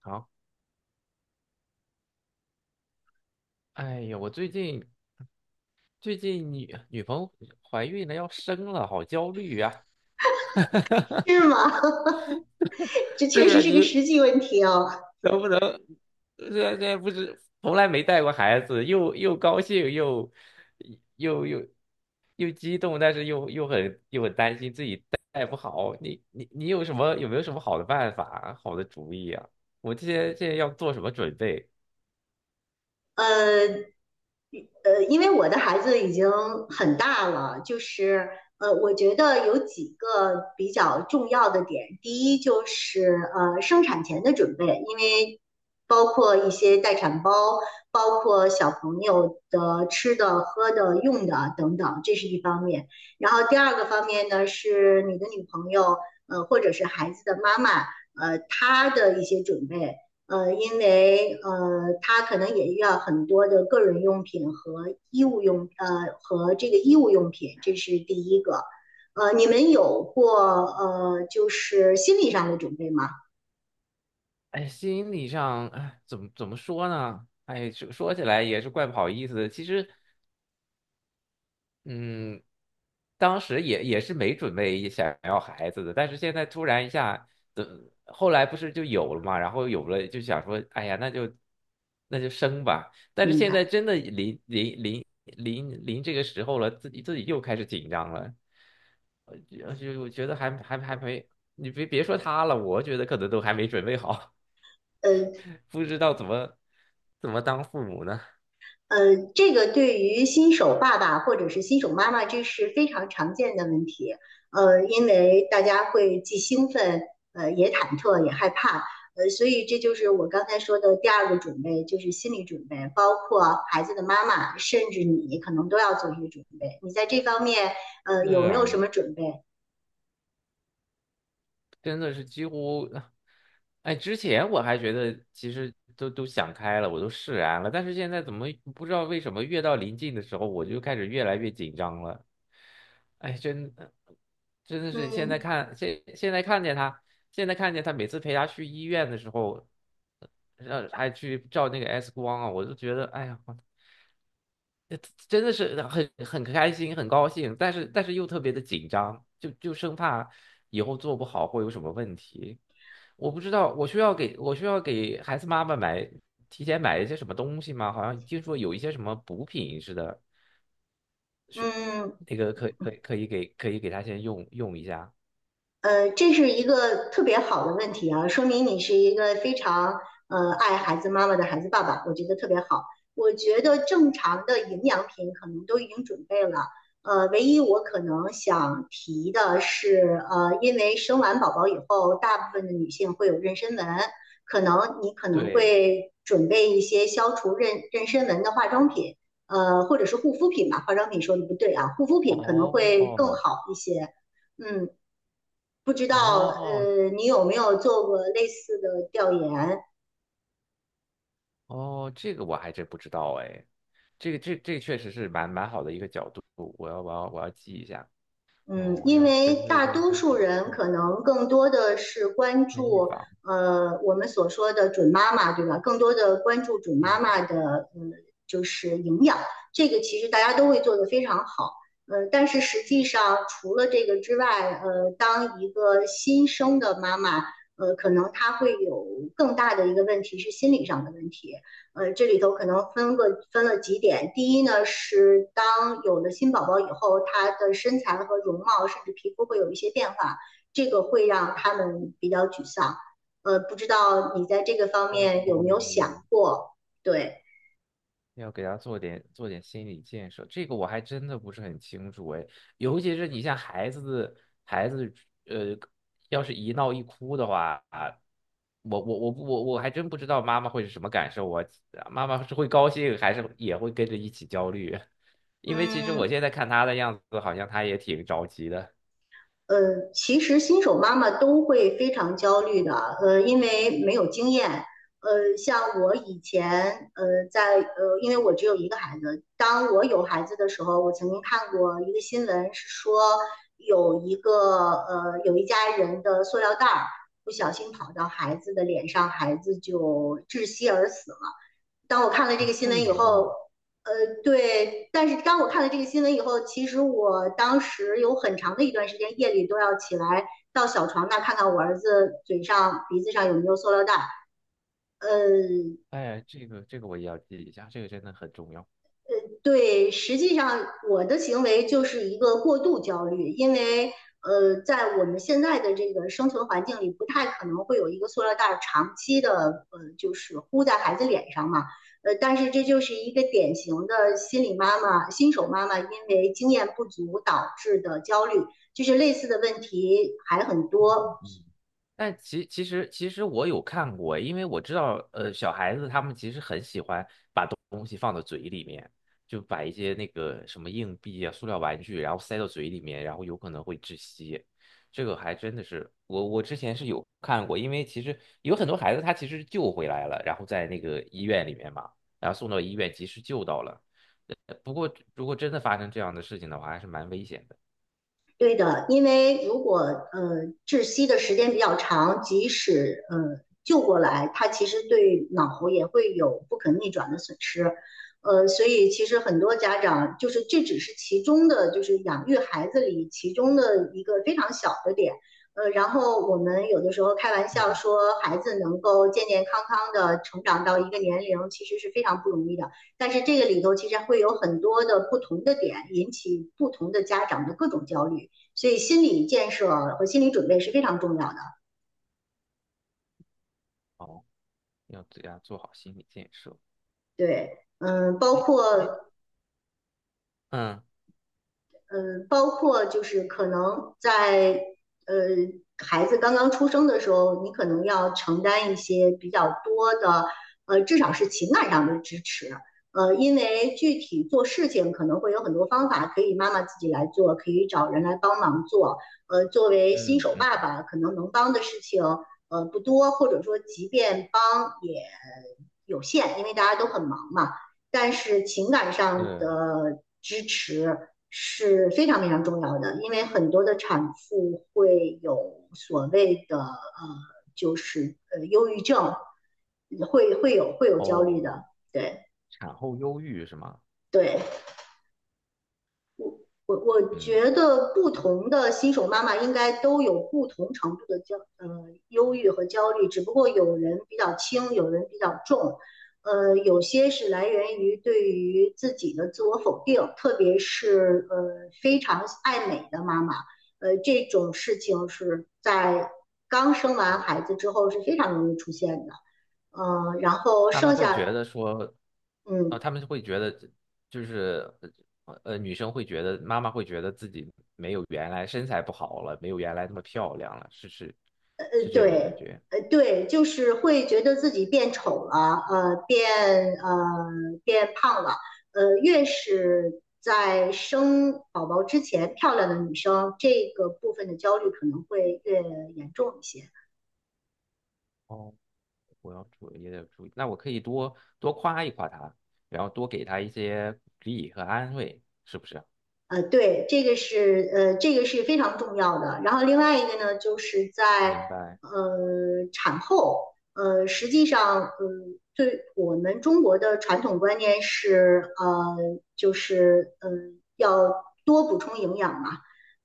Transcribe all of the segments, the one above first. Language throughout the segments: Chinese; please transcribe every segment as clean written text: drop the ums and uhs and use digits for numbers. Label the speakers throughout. Speaker 1: 好。我最近女朋友怀孕了，要生了，好焦虑啊！
Speaker 2: 是吗？这确
Speaker 1: 对呀，
Speaker 2: 实是个
Speaker 1: 你
Speaker 2: 实际问题哦。
Speaker 1: 能不能，这不是从来没带过孩子，又又高兴又又又又激动，但是又很担心自己带不好。你有什么，有没有什么好的办法、好的主意啊？我这些要做什么准备？
Speaker 2: 呃因为我的孩子已经很大了，就是我觉得有几个比较重要的点。第一就是生产前的准备，因为包括一些待产包，包括小朋友的吃的、喝的、用的等等，这是一方面。然后第二个方面呢，是你的女朋友或者是孩子的妈妈她的一些准备。他可能也要很多的个人用品和衣物用，和这个衣物用品，这是第一个。你们有过就是心理上的准备吗？
Speaker 1: 哎，心理上，哎，怎么说呢？哎，说起来也是怪不好意思的。其实嗯，当时也是没准备想要孩子的，但是现在突然一下，等后来不是就有了嘛，然后有了就想说，哎呀，那就生吧。但是
Speaker 2: 明
Speaker 1: 现在
Speaker 2: 白。
Speaker 1: 真的临这个时候了，自己又开始紧张了，就觉得还没，你别说他了，我觉得可能都还没准备好，
Speaker 2: 呃，
Speaker 1: 不知道怎么当父母呢。
Speaker 2: 这个对于新手爸爸或者是新手妈妈，这是非常常见的问题。因为大家会既兴奋，也忐忑，也害怕，所以这就是我刚才说的第二个准备，就是心理准备，包括孩子的妈妈，甚至你可能都要做一些准备。你在这方面，
Speaker 1: 是
Speaker 2: 有没有
Speaker 1: 啊。
Speaker 2: 什么准备？
Speaker 1: 真的是几乎，哎，之前我还觉得其实都想开了，我都释然了，但是现在怎么不知道为什么越到临近的时候，我就开始越来越紧张了。哎，真的是
Speaker 2: 嗯
Speaker 1: 现在看见他现在看见他每次陪他去医院的时候，让还去照那个 X 光啊，我就觉得哎呀，真的是很开心，很高兴，但是又特别的紧张，就生怕以后做不好会有什么问题。我不知道，我需要给孩子妈妈买，提前买一些什么东西吗？好像听说有一些什么补品似的，
Speaker 2: 嗯。
Speaker 1: 那个可以给他先用一下。
Speaker 2: 这是一个特别好的问题啊，说明你是一个非常爱孩子妈妈的孩子爸爸，我觉得特别好。我觉得正常的营养品可能都已经准备了，唯一我可能想提的是，因为生完宝宝以后，大部分的女性会有妊娠纹，可能你可能
Speaker 1: 对。
Speaker 2: 会准备一些消除妊娠纹的化妆品，或者是护肤品吧，化妆品说的不对啊，护肤品可能会更
Speaker 1: 哦
Speaker 2: 好一些。嗯，不知道
Speaker 1: 哦
Speaker 2: 你有没有做过类似的调研？
Speaker 1: 哦，这个我还真不知道哎，这个确实是蛮好的一个角度，我要记一下。
Speaker 2: 嗯，
Speaker 1: 哦，
Speaker 2: 因
Speaker 1: 要针
Speaker 2: 为
Speaker 1: 对
Speaker 2: 大
Speaker 1: 这个
Speaker 2: 多
Speaker 1: 身
Speaker 2: 数
Speaker 1: 体
Speaker 2: 人
Speaker 1: 做
Speaker 2: 可能更多的是关
Speaker 1: 先预
Speaker 2: 注
Speaker 1: 防。
Speaker 2: 我们所说的准妈妈，对吧？更多的关注准妈妈
Speaker 1: 嗯。
Speaker 2: 的就是营养，这个其实大家都会做得非常好。但是实际上除了这个之外，当一个新生的妈妈，可能她会有更大的一个问题是心理上的问题。这里头可能分了几点。第一呢，是当有了新宝宝以后，他的身材和容貌，甚至皮肤会有一些变化，这个会让他们比较沮丧。不知道你在这个方
Speaker 1: 哦，
Speaker 2: 面有没有想过？对，
Speaker 1: 要给他做点心理建设，这个我还真的不是很清楚哎。尤其是你像孩子，孩子呃，要是一闹一哭的话，啊，我还真不知道妈妈会是什么感受，我妈妈是会高兴，还是也会跟着一起焦虑？因为其实我
Speaker 2: 嗯，
Speaker 1: 现在看他的样子，好像他也挺着急的。
Speaker 2: 其实新手妈妈都会非常焦虑的，因为没有经验。像我以前，因为我只有一个孩子，当我有孩子的时候，我曾经看过一个新闻，是说有一个有一家人的塑料袋儿不小心跑到孩子的脸上，孩子就窒息而死了。当我看了这
Speaker 1: 啊，
Speaker 2: 个新
Speaker 1: 这
Speaker 2: 闻
Speaker 1: 么
Speaker 2: 以
Speaker 1: 严重
Speaker 2: 后，
Speaker 1: 啊？
Speaker 2: 呃，对，但是当我看了这个新闻以后，其实我当时有很长的一段时间夜里都要起来到小床那看看我儿子嘴上、鼻子上有没有塑料袋。呃，
Speaker 1: 哎，这个我也要记一下，这个真的很重要。
Speaker 2: 对，实际上我的行为就是一个过度焦虑，因为在我们现在的这个生存环境里，不太可能会有一个塑料袋长期的就是呼在孩子脸上嘛。但是这就是一个典型的心理妈妈、新手妈妈因为经验不足导致的焦虑，就是类似的问题还很多。
Speaker 1: 嗯，其实我有看过，因为我知道，呃，小孩子他们其实很喜欢把东西放到嘴里面，就把一些那个什么硬币啊、塑料玩具，然后塞到嘴里面，然后有可能会窒息。这个还真的是，我之前是有看过，因为其实有很多孩子他其实救回来了，然后在那个医院里面嘛，然后送到医院及时救到了。不过如果真的发生这样的事情的话，还是蛮危险的。
Speaker 2: 对的，因为如果窒息的时间比较长，即使救过来，他其实对脑也会有不可逆转的损失。所以其实很多家长就是这只是其中的，就是养育孩子里其中的一个非常小的点。然后我们有的时候开玩笑
Speaker 1: 嗯。
Speaker 2: 说，孩子能够健健康康的成长到一个年龄，其实是非常不容易的。但是这个里头其实会有很多的不同的点，引起不同的家长的各种焦虑。所以心理建设和心理准备是非常重要的。
Speaker 1: 哦，要对他做好心理建设。
Speaker 2: 对，嗯，包
Speaker 1: 哎哎,
Speaker 2: 括
Speaker 1: 嗯
Speaker 2: 嗯，包括就是可能在呃孩子刚刚出生的时候，你可能要承担一些比较多的，至少是情感上的支持。因为具体做事情可能会有很多方法，可以妈妈自己来做，可以找人来帮忙做。作为新
Speaker 1: 嗯
Speaker 2: 手
Speaker 1: 嗯，
Speaker 2: 爸爸，可能能帮的事情不多，或者说即便帮也有限，因为大家都很忙嘛。但是情感上
Speaker 1: 是。
Speaker 2: 的支持是非常非常重要的，因为很多的产妇会有所谓的就是忧郁症，会有焦虑
Speaker 1: 哦，
Speaker 2: 的，对
Speaker 1: 产后忧郁是吗？
Speaker 2: 对，我
Speaker 1: 嗯。
Speaker 2: 觉得不同的新手妈妈应该都有不同程度的忧郁和焦虑，只不过有人比较轻，有人比较重，有些是来源于对于自己的自我否定，特别是非常爱美的妈妈，这种事情是在刚生完
Speaker 1: 哦，
Speaker 2: 孩子之后是非常容易出现的，然后
Speaker 1: 他们
Speaker 2: 剩
Speaker 1: 会
Speaker 2: 下
Speaker 1: 觉得说，啊、
Speaker 2: 嗯
Speaker 1: 他们会觉得就是女生会觉得，妈妈会觉得自己没有原来身材不好了，没有原来那么漂亮了，是是是这种感
Speaker 2: 对，
Speaker 1: 觉。
Speaker 2: 对，就是会觉得自己变丑了，呃变胖了，越是在生宝宝之前漂亮的女生，这个部分的焦虑可能会越严重一些。
Speaker 1: 哦，我要注意，也得注意。那我可以多多夸一夸她，然后多给她一些鼓励和安慰，是不是？
Speaker 2: 对，这个是这个是非常重要的。然后另外一个呢，就是在
Speaker 1: 明白。
Speaker 2: 产后，呃，实际上，呃，对我们中国的传统观念是，就是呃要多补充营养嘛，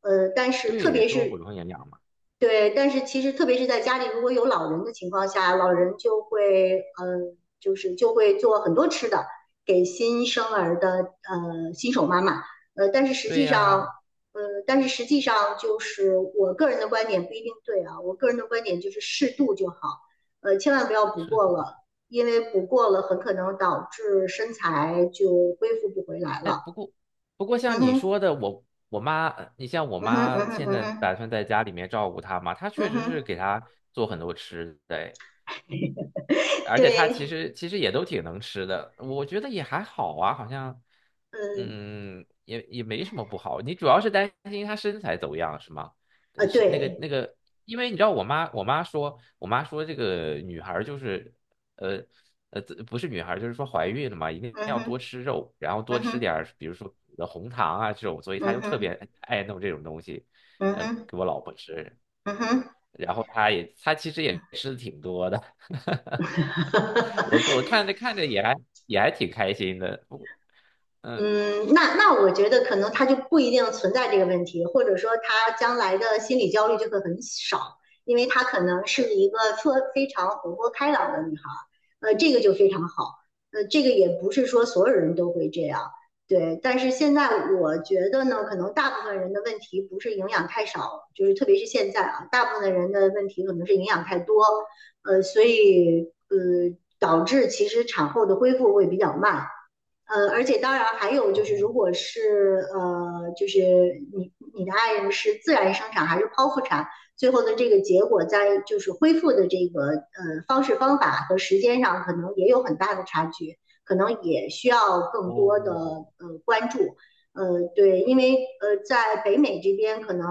Speaker 2: 但是特
Speaker 1: 对，
Speaker 2: 别
Speaker 1: 多补
Speaker 2: 是
Speaker 1: 充营养嘛。
Speaker 2: 对，但是其实特别是在家里，如果有老人的情况下，老人就会，嗯、就是就会做很多吃的给新生儿的新手妈妈，呃，但是实
Speaker 1: 对
Speaker 2: 际上，
Speaker 1: 呀、
Speaker 2: 呃，但是实际上就是我个人的观点不一定对啊，我个人的观点就是适度就好，千万不要补
Speaker 1: 是。
Speaker 2: 过了，因为补过了很可能导致身材就恢复不回来
Speaker 1: 哎，
Speaker 2: 了。
Speaker 1: 不过
Speaker 2: 嗯
Speaker 1: 像你
Speaker 2: 哼。
Speaker 1: 说的，我妈，你像我
Speaker 2: 嗯哼。嗯
Speaker 1: 妈
Speaker 2: 哼。
Speaker 1: 现
Speaker 2: 嗯
Speaker 1: 在
Speaker 2: 哼。
Speaker 1: 打算在家里面照顾她嘛，她确
Speaker 2: 嗯
Speaker 1: 实
Speaker 2: 哼。
Speaker 1: 是给她做很多吃的，哎，而且它其
Speaker 2: 对。
Speaker 1: 实其实也都挺能吃的，我觉得也还好啊，好像
Speaker 2: 嗯。
Speaker 1: 嗯也没什么不好。你主要是担心它身材走样是吗？呃，是那个
Speaker 2: 对。
Speaker 1: 那个，因为你知道我妈说这个女孩儿就是呃，不是女孩儿，就是说怀孕了嘛，一定
Speaker 2: 嗯
Speaker 1: 要多
Speaker 2: 哼。
Speaker 1: 吃肉，然后多
Speaker 2: 嗯
Speaker 1: 吃
Speaker 2: 哼。
Speaker 1: 点儿比如说呃红糖啊这种，所以她
Speaker 2: 嗯
Speaker 1: 就特
Speaker 2: 哼。
Speaker 1: 别爱弄这种东西，
Speaker 2: 嗯
Speaker 1: 呃
Speaker 2: 哼。
Speaker 1: 给我老婆吃，
Speaker 2: 嗯哼。
Speaker 1: 然后她其实也吃的挺多的。我看着看着也还，挺开心的，不过嗯。
Speaker 2: 嗯，那我觉得可能她就不一定存在这个问题，或者说她将来的心理焦虑就会很少，因为她可能是一个特非常活泼开朗的女孩这个就非常好，这个也不是说所有人都会这样，对。但是现在我觉得呢，可能大部分人的问题不是营养太少，就是特别是现在啊，大部分人的问题可能是营养太多，导致其实产后的恢复会比较慢。而且当然还有就是，如果
Speaker 1: 哦
Speaker 2: 是就是你的爱人是自然生产还是剖腹产，最后的这个结果在就是恢复的这个方式方法和时间上，可能也有很大的差距，可能也需要更多的
Speaker 1: 哦
Speaker 2: 关注。对，因为在北美这边可能。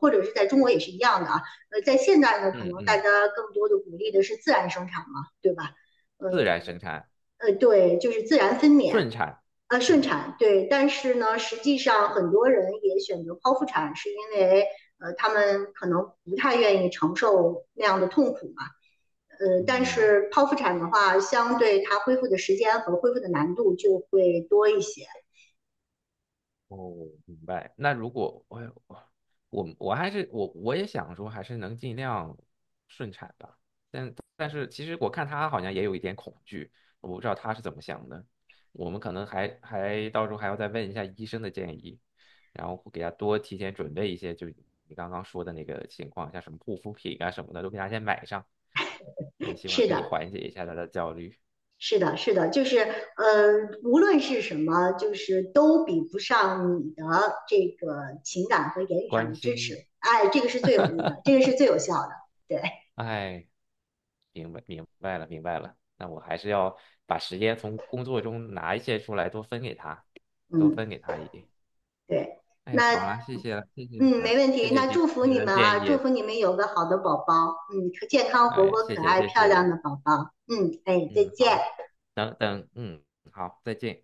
Speaker 2: 或者是在中国也是一样的啊，在现在呢，可
Speaker 1: 嗯
Speaker 2: 能大
Speaker 1: 嗯，
Speaker 2: 家更多的鼓励的是自然生产嘛，对吧？嗯，
Speaker 1: 自然生产，
Speaker 2: 对，就是自然分娩，
Speaker 1: 顺产。
Speaker 2: 顺
Speaker 1: 嗯
Speaker 2: 产，对。但是呢，实际上很多人也选择剖腹产，是因为他们可能不太愿意承受那样的痛苦嘛。但
Speaker 1: 嗯。
Speaker 2: 是剖腹产的话，相对它恢复的时间和恢复的难度就会多一些。
Speaker 1: 哦，明白。那如果我我我还是我也想说，还是能尽量顺产吧。但是其实我看他好像也有一点恐惧，我不知道他是怎么想的。我们可能到时候还要再问一下医生的建议，然后给他多提前准备一些，就你刚刚说的那个情况，像什么护肤品啊什么的，都给他先买上。嗯，希望
Speaker 2: 是
Speaker 1: 可以
Speaker 2: 的，
Speaker 1: 缓解一下他的焦虑，
Speaker 2: 是的，是的，就是无论是什么，就是都比不上你的这个情感和言语上
Speaker 1: 关
Speaker 2: 的支持。
Speaker 1: 心。
Speaker 2: 哎，这个是最有益的，这个 是最有效的。对，
Speaker 1: 哎，明白了，那我还是要把时间从工作中拿一些出来，多分给他，多分
Speaker 2: 嗯。
Speaker 1: 给他一点。
Speaker 2: 对，
Speaker 1: 哎，
Speaker 2: 那
Speaker 1: 好了，谢谢了，谢谢你
Speaker 2: 嗯，
Speaker 1: 们，
Speaker 2: 没问
Speaker 1: 谢
Speaker 2: 题。
Speaker 1: 谢
Speaker 2: 那
Speaker 1: 今
Speaker 2: 祝福
Speaker 1: 天
Speaker 2: 你
Speaker 1: 的
Speaker 2: 们啊，
Speaker 1: 建
Speaker 2: 祝
Speaker 1: 议，
Speaker 2: 福你们有个好的宝宝，嗯，健康、活
Speaker 1: 哎，
Speaker 2: 泼、可爱、
Speaker 1: 谢
Speaker 2: 漂
Speaker 1: 谢，
Speaker 2: 亮的宝宝。嗯，哎，再
Speaker 1: 嗯，
Speaker 2: 见。
Speaker 1: 好，等等，嗯，好，再见。